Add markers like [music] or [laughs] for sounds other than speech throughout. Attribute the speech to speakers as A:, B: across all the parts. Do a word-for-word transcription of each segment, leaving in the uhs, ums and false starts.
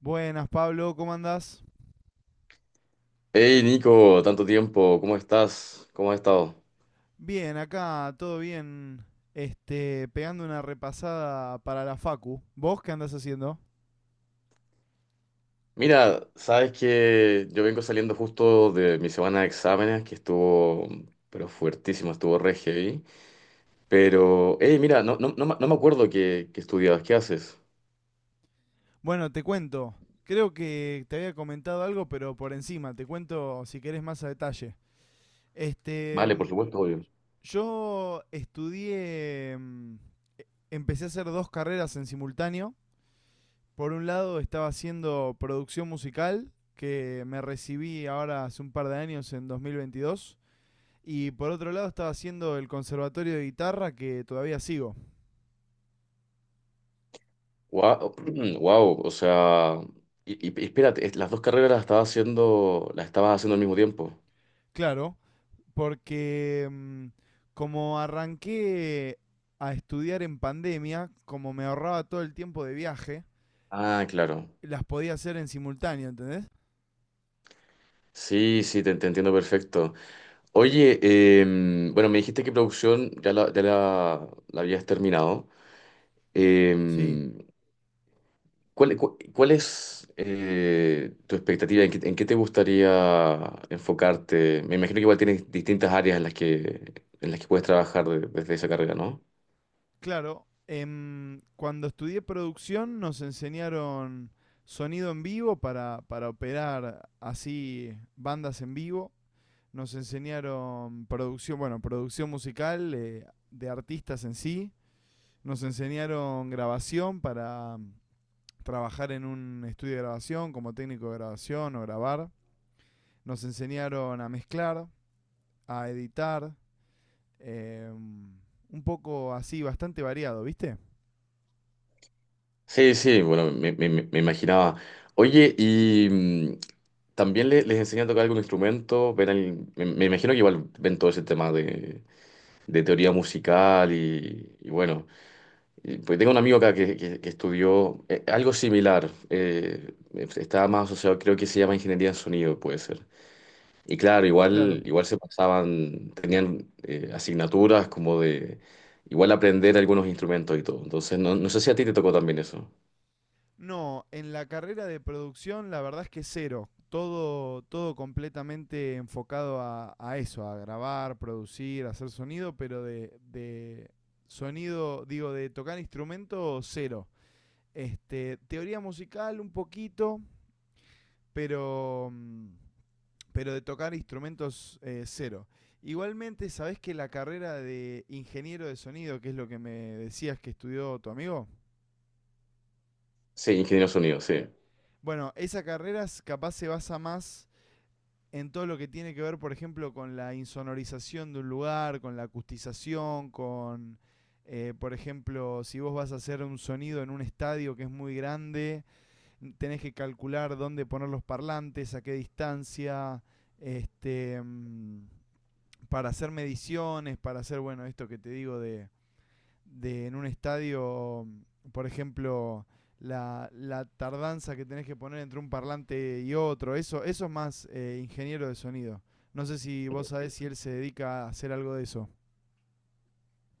A: Buenas, Pablo, ¿cómo andás?
B: Hey Nico, tanto tiempo, ¿cómo estás? ¿Cómo has estado?
A: Bien, acá todo bien. Este, pegando una repasada para la Facu. ¿Vos qué andás haciendo?
B: Mira, sabes que yo vengo saliendo justo de mi semana de exámenes, que estuvo, pero fuertísima, estuvo re heavy. Pero, hey, mira, no, no, no, me no me acuerdo qué, qué estudiabas, ¿qué haces?
A: Bueno, te cuento. Creo que te había comentado algo, pero por encima, te cuento si querés más a detalle. Este,
B: Vale,
A: mm,
B: por supuesto, obvio.
A: yo estudié, mm, empecé a hacer dos carreras en simultáneo. Por un lado estaba haciendo producción musical, que me recibí ahora hace un par de años en dos mil veintidós. Y por otro lado estaba haciendo el conservatorio de guitarra que todavía sigo.
B: Wow, [clears throat] o sea, y, y- y espérate, es- las dos carreras las estabas haciendo, las estabas haciendo al mismo tiempo.
A: Claro, porque mm, como arranqué a estudiar en pandemia, como me ahorraba todo el tiempo de viaje,
B: Ah, claro.
A: las podía hacer en simultáneo, ¿entendés?
B: Sí, sí, te, te entiendo perfecto. Oye, em, bueno, me dijiste que producción ya la, ya la, la habías terminado.
A: Sí,
B: Em, ¿cuál, cu- cuál es eh, tu expectativa? ¿En qué, en qué te gustaría enfocarte? Me imagino que igual tienes distintas áreas en las que, en las que puedes trabajar de- desde esa carrera, ¿no?
A: claro. Em, cuando estudié producción nos enseñaron sonido en vivo para, para operar así bandas en vivo. Nos enseñaron producción, bueno, producción musical eh, de artistas en sí. Nos enseñaron grabación para mm, trabajar en un estudio de grabación como técnico de grabación o grabar. Nos enseñaron a mezclar, a editar, eh, un poco así, bastante variado, ¿viste?
B: Sí, sí, bueno, me, me- me- me imaginaba. Oye, y mm, también le- les enseñan a tocar algún instrumento, ven el- me, me imagino que igual ven todo ese tema de, de teoría musical y, y bueno. Y, Pues tengo un amigo acá que, que- que estudió eh, algo similar. Eh, estaba más asociado, creo que se llama ingeniería en sonido, puede ser. Y claro,
A: Claro.
B: igual, igual se pasaban, tenían eh, asignaturas como de igual aprender algunos instrumentos y todo. Entonces, no, no sé si a ti te tocó también eso.
A: No, en la carrera de producción la verdad es que cero. Todo, todo completamente enfocado a, a eso, a grabar, producir, hacer sonido, pero de, de sonido, digo, de tocar instrumento, cero. Este, teoría musical un poquito, pero, mm, pero de tocar instrumentos eh, cero. Igualmente, ¿sabés que la carrera de ingeniero de sonido, que es lo que me decías que estudió tu amigo?
B: Sí, ingeniero en sonido, sí.
A: Bueno, esa carrera s- capaz se basa más en todo lo que tiene que ver, por ejemplo, con la insonorización de un lugar, con la acustización, con, eh, por ejemplo, si vos vas a hacer un sonido en un estadio que es muy grande, tenés que calcular dónde poner los parlantes, a qué distancia, este, mm, para hacer mediciones, para hacer, bueno, esto que te digo de, de en un estadio, por ejemplo, la, la tardanza que tenés que poner entre un parlante y otro, eso, eso es más eh, ingeniero de sonido. No sé si vos sabés si él se dedica a hacer algo de eso.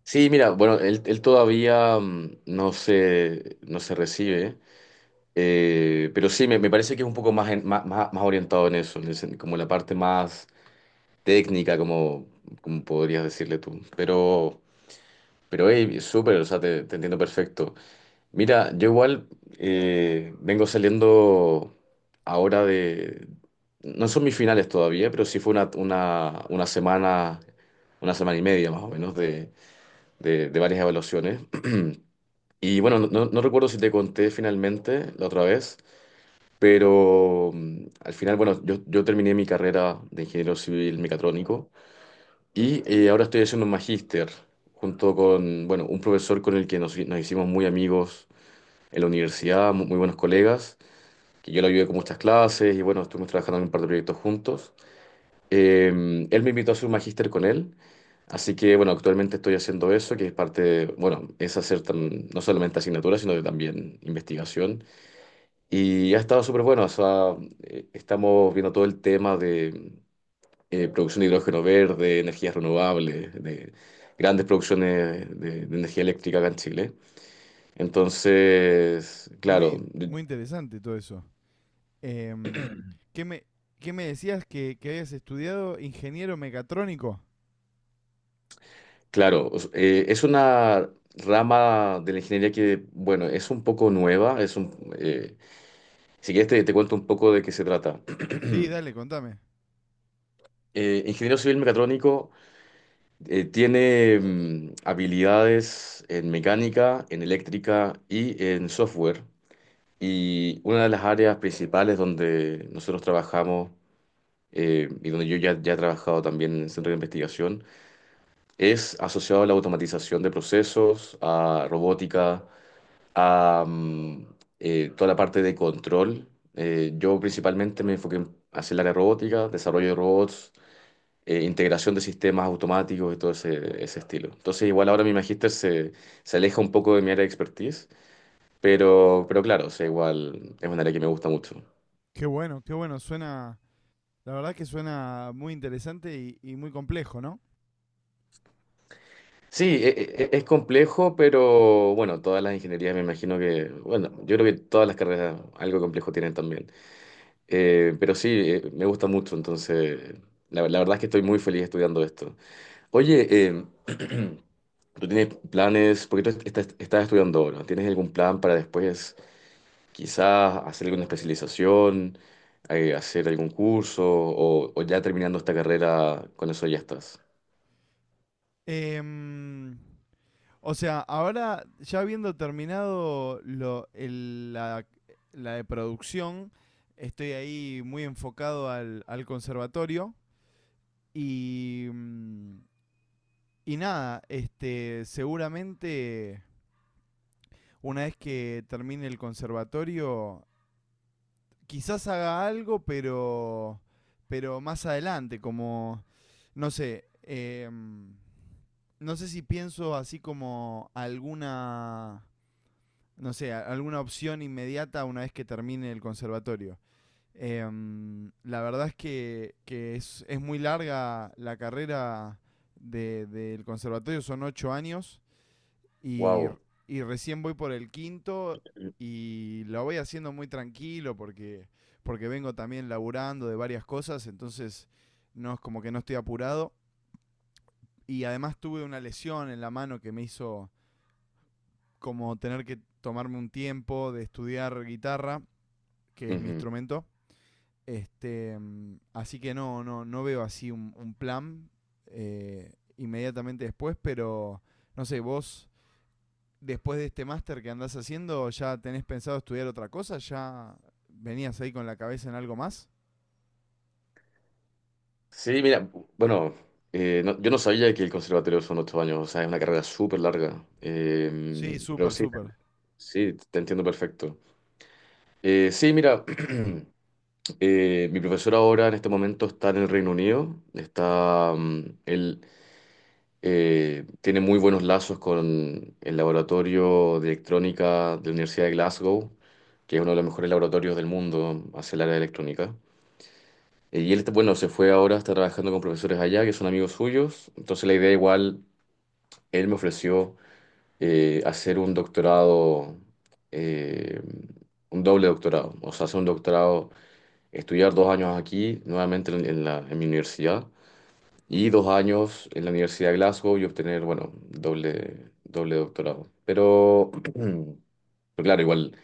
B: Sí, mira, bueno, él, él todavía mm, no se, no se recibe, eh, pero sí, me, me parece que es un poco más, en- más, más- más orientado en eso, en el sen- como la parte más técnica, como, como podrías decirle tú. Pero, pero hey, súper, o sea, te, te entiendo perfecto. Mira, yo igual eh, vengo saliendo ahora de... No son mis finales todavía, pero sí fue una, una, una semana, una semana y media más o menos de, de, de varias evaluaciones. [clears throat] Y bueno, no, no- no recuerdo si te conté finalmente la otra vez, pero mm, al final, bueno, yo, yo terminé mi carrera de ingeniero civil mecatrónico. Y eh, ahora estoy haciendo un magíster junto con, bueno, un profesor con el que nos, nos hicimos muy amigos en la universidad, mu- muy, buenos colegas, que yo lo ayudé con muchas clases y bueno, estuvimos trabajando en un par de proyectos juntos. Eh, él me invitó a hacer un magíster con él, así que bueno, actualmente estoy haciendo eso, que es parte, de- bueno, es hacer tam- no solamente asignaturas, sino que también investigación. Y ha estado súper bueno, o sea, eh, estamos viendo todo el tema de eh, producción de hidrógeno verde, energías renovables, de grandes producciones de, de energía eléctrica acá en Chile. Entonces, claro,
A: Muy,
B: de-
A: muy interesante todo eso. Em, ¿qué, me, ¿Qué me decías que, que habías estudiado ingeniero mecatrónico?
B: claro, o s- eh, es una rama de la ingeniería que, bueno, es un poco nueva, es un, eh, si quieres te, te cuento un poco de qué se trata.
A: Sí, dale,
B: [clears throat]
A: contame.
B: Eh, ingeniero civil mecatrónico eh, tiene mm, habilidades en mecánica, en eléctrica y en software. Y una de las áreas principales donde nosotros trabajamos eh, y donde yo ya, ya he trabajado también en el centro de investigación es asociado a la automatización de procesos, a robótica, a mm, eh, toda la parte de control. Eh, yo principalmente me enfoqué en- hacer el área robótica, desarrollo de robots, eh, integración de sistemas automáticos y todo ese, ese estilo. Entonces igual ahora mi magíster se, se aleja un poco de mi área de expertise, pero, pero claro, o sea, igual es un área que me gusta mucho.
A: Qué bueno, qué bueno. Suena, la verdad que suena muy interesante y, y muy complejo, ¿no?
B: Sí, e- e- e- es complejo, pero bueno, todas las ingenierías me imagino que, bueno, yo creo que todas las carreras algo complejo tienen también. Eh, pero sí, eh, me gusta mucho, entonces la, la verdad es que estoy muy feliz estudiando esto. Oye, em, [clears throat] ¿tú tienes planes? Porque tú est- estás, estás estudiando ahora, ¿no? ¿Tienes algún plan para después quizás hacer alguna especialización, eh, hacer algún curso o, o ya terminando esta carrera, con eso ya estás?
A: Em, o sea, ahora ya habiendo terminado lo- el- la, la de producción, estoy ahí muy enfocado al, al conservatorio y, mm, y nada, este, seguramente una vez que termine el conservatorio quizás haga algo, pero, pero más adelante, como, no sé, eh, no sé si pienso así como alguna, no sé, alguna opción inmediata una vez que termine el conservatorio. Em, la verdad es que, que es, es muy larga la carrera de- del conservatorio, son ocho años y,
B: Wow.
A: y recién voy por el quinto y lo voy haciendo muy tranquilo porque, porque vengo también laburando de varias cosas, entonces no es como que no estoy apurado. Y además tuve una lesión en la mano que me hizo como tener que tomarme un tiempo de estudiar guitarra, que es mi instrumento. Este, mm, así que no, no, no veo así un, un plan eh, inmediatamente después, pero no sé, vos después de este máster que andás haciendo, ¿ya tenés pensado estudiar otra cosa? ¿Ya venías ahí con la cabeza en algo más?
B: Sí, mira, bueno, eh, no- yo no sabía que el conservatorio son ocho años, o sea, es una carrera súper larga.
A: Sí,
B: Eh, pero
A: súper,
B: sí,
A: súper.
B: sí, te entiendo perfecto. Eh, sí, mira, [clears throat] eh, mi profesor ahora en este momento está en el Reino Unido, está, mm, él eh, tiene muy buenos lazos con el laboratorio de electrónica de la Universidad de Glasgow, que es uno de los mejores laboratorios del mundo hacia el área de electrónica. Eh, Y él, bueno, se fue ahora, está trabajando con profesores allá, que son amigos suyos. Entonces la idea igual, él me ofreció eh, hacer un doctorado, eh, un doble doctorado. O sea, hacer un doctorado, estudiar dos años aquí, nuevamente en, en la, en mi universidad, y dos años en la Universidad de Glasgow y obtener, bueno, doble, doble doctorado. Pero, [clears throat] pero claro, igual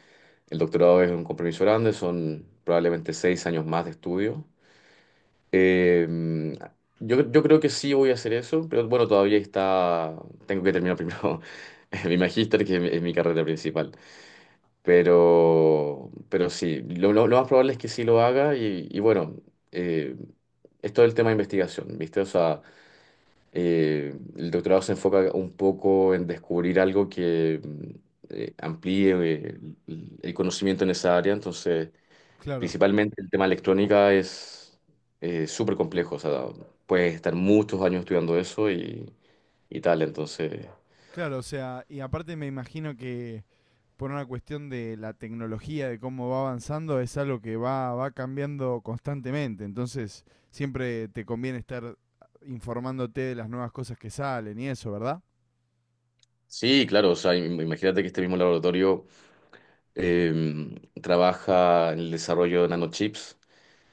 B: el doctorado es un compromiso grande, son probablemente seis años más de estudio. Eh, yo, yo creo que sí voy a hacer eso, pero bueno, todavía está, tengo que terminar primero [laughs] mi magíster, que es mi, es mi carrera principal. Pero, pero sí, lo, lo- lo más probable es que sí lo haga y, y bueno, eh, es todo el tema de investigación, ¿viste? O sea, eh, el doctorado se enfoca un poco en descubrir algo que mm, eh, amplíe eh, el el conocimiento en esa área, entonces...
A: Claro,
B: Principalmente el tema electrónica es eh, súper complejo, o sea, puedes estar muchos años estudiando eso y, y tal, entonces...
A: claro, o sea, y aparte me imagino que por una cuestión de la tecnología, de cómo va avanzando, es algo que va, va cambiando constantemente. Entonces, siempre te conviene estar informándote de las nuevas cosas que salen y eso, ¿verdad?
B: Sí, claro, o sea, im- imagínate que este mismo laboratorio eh, trabaja en el desarrollo de nanochips,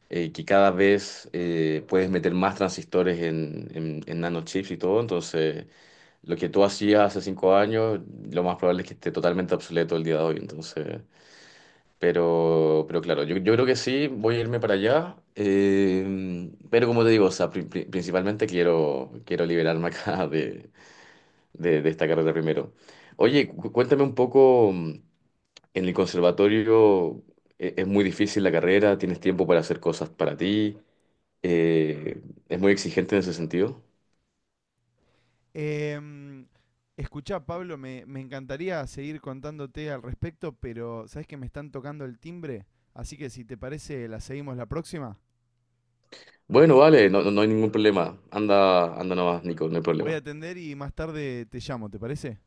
B: eh, que cada vez eh, puedes meter más transistores en, en- en nanochips y todo, entonces lo que tú hacías hace cinco años, lo más probable es que esté totalmente obsoleto el día de hoy, entonces... Pero, pero claro, yo, yo creo que sí, voy a irme para allá. Eh, pero como te digo, o sea, pri- pri- principalmente quiero, quiero liberarme [laughs] acá de, de- de esta carrera primero. Oye, cu- cuéntame un poco, mm, en el conservatorio e- es muy difícil la carrera, tienes tiempo para hacer cosas para ti, eh, es muy exigente en ese sentido.
A: Em, escuchá, Pablo, me, me encantaría seguir contándote al respecto, pero sabes que me están tocando el timbre, así que si te parece, la seguimos la próxima.
B: Bueno, vale, no, no no hay ningún problema. Anda, anda nomás, Nico, no hay
A: Voy a
B: problema.
A: atender y más tarde te llamo, ¿te parece?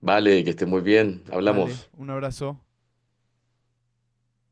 B: Vale, que estés muy bien,
A: Dale,
B: hablamos.
A: un abrazo.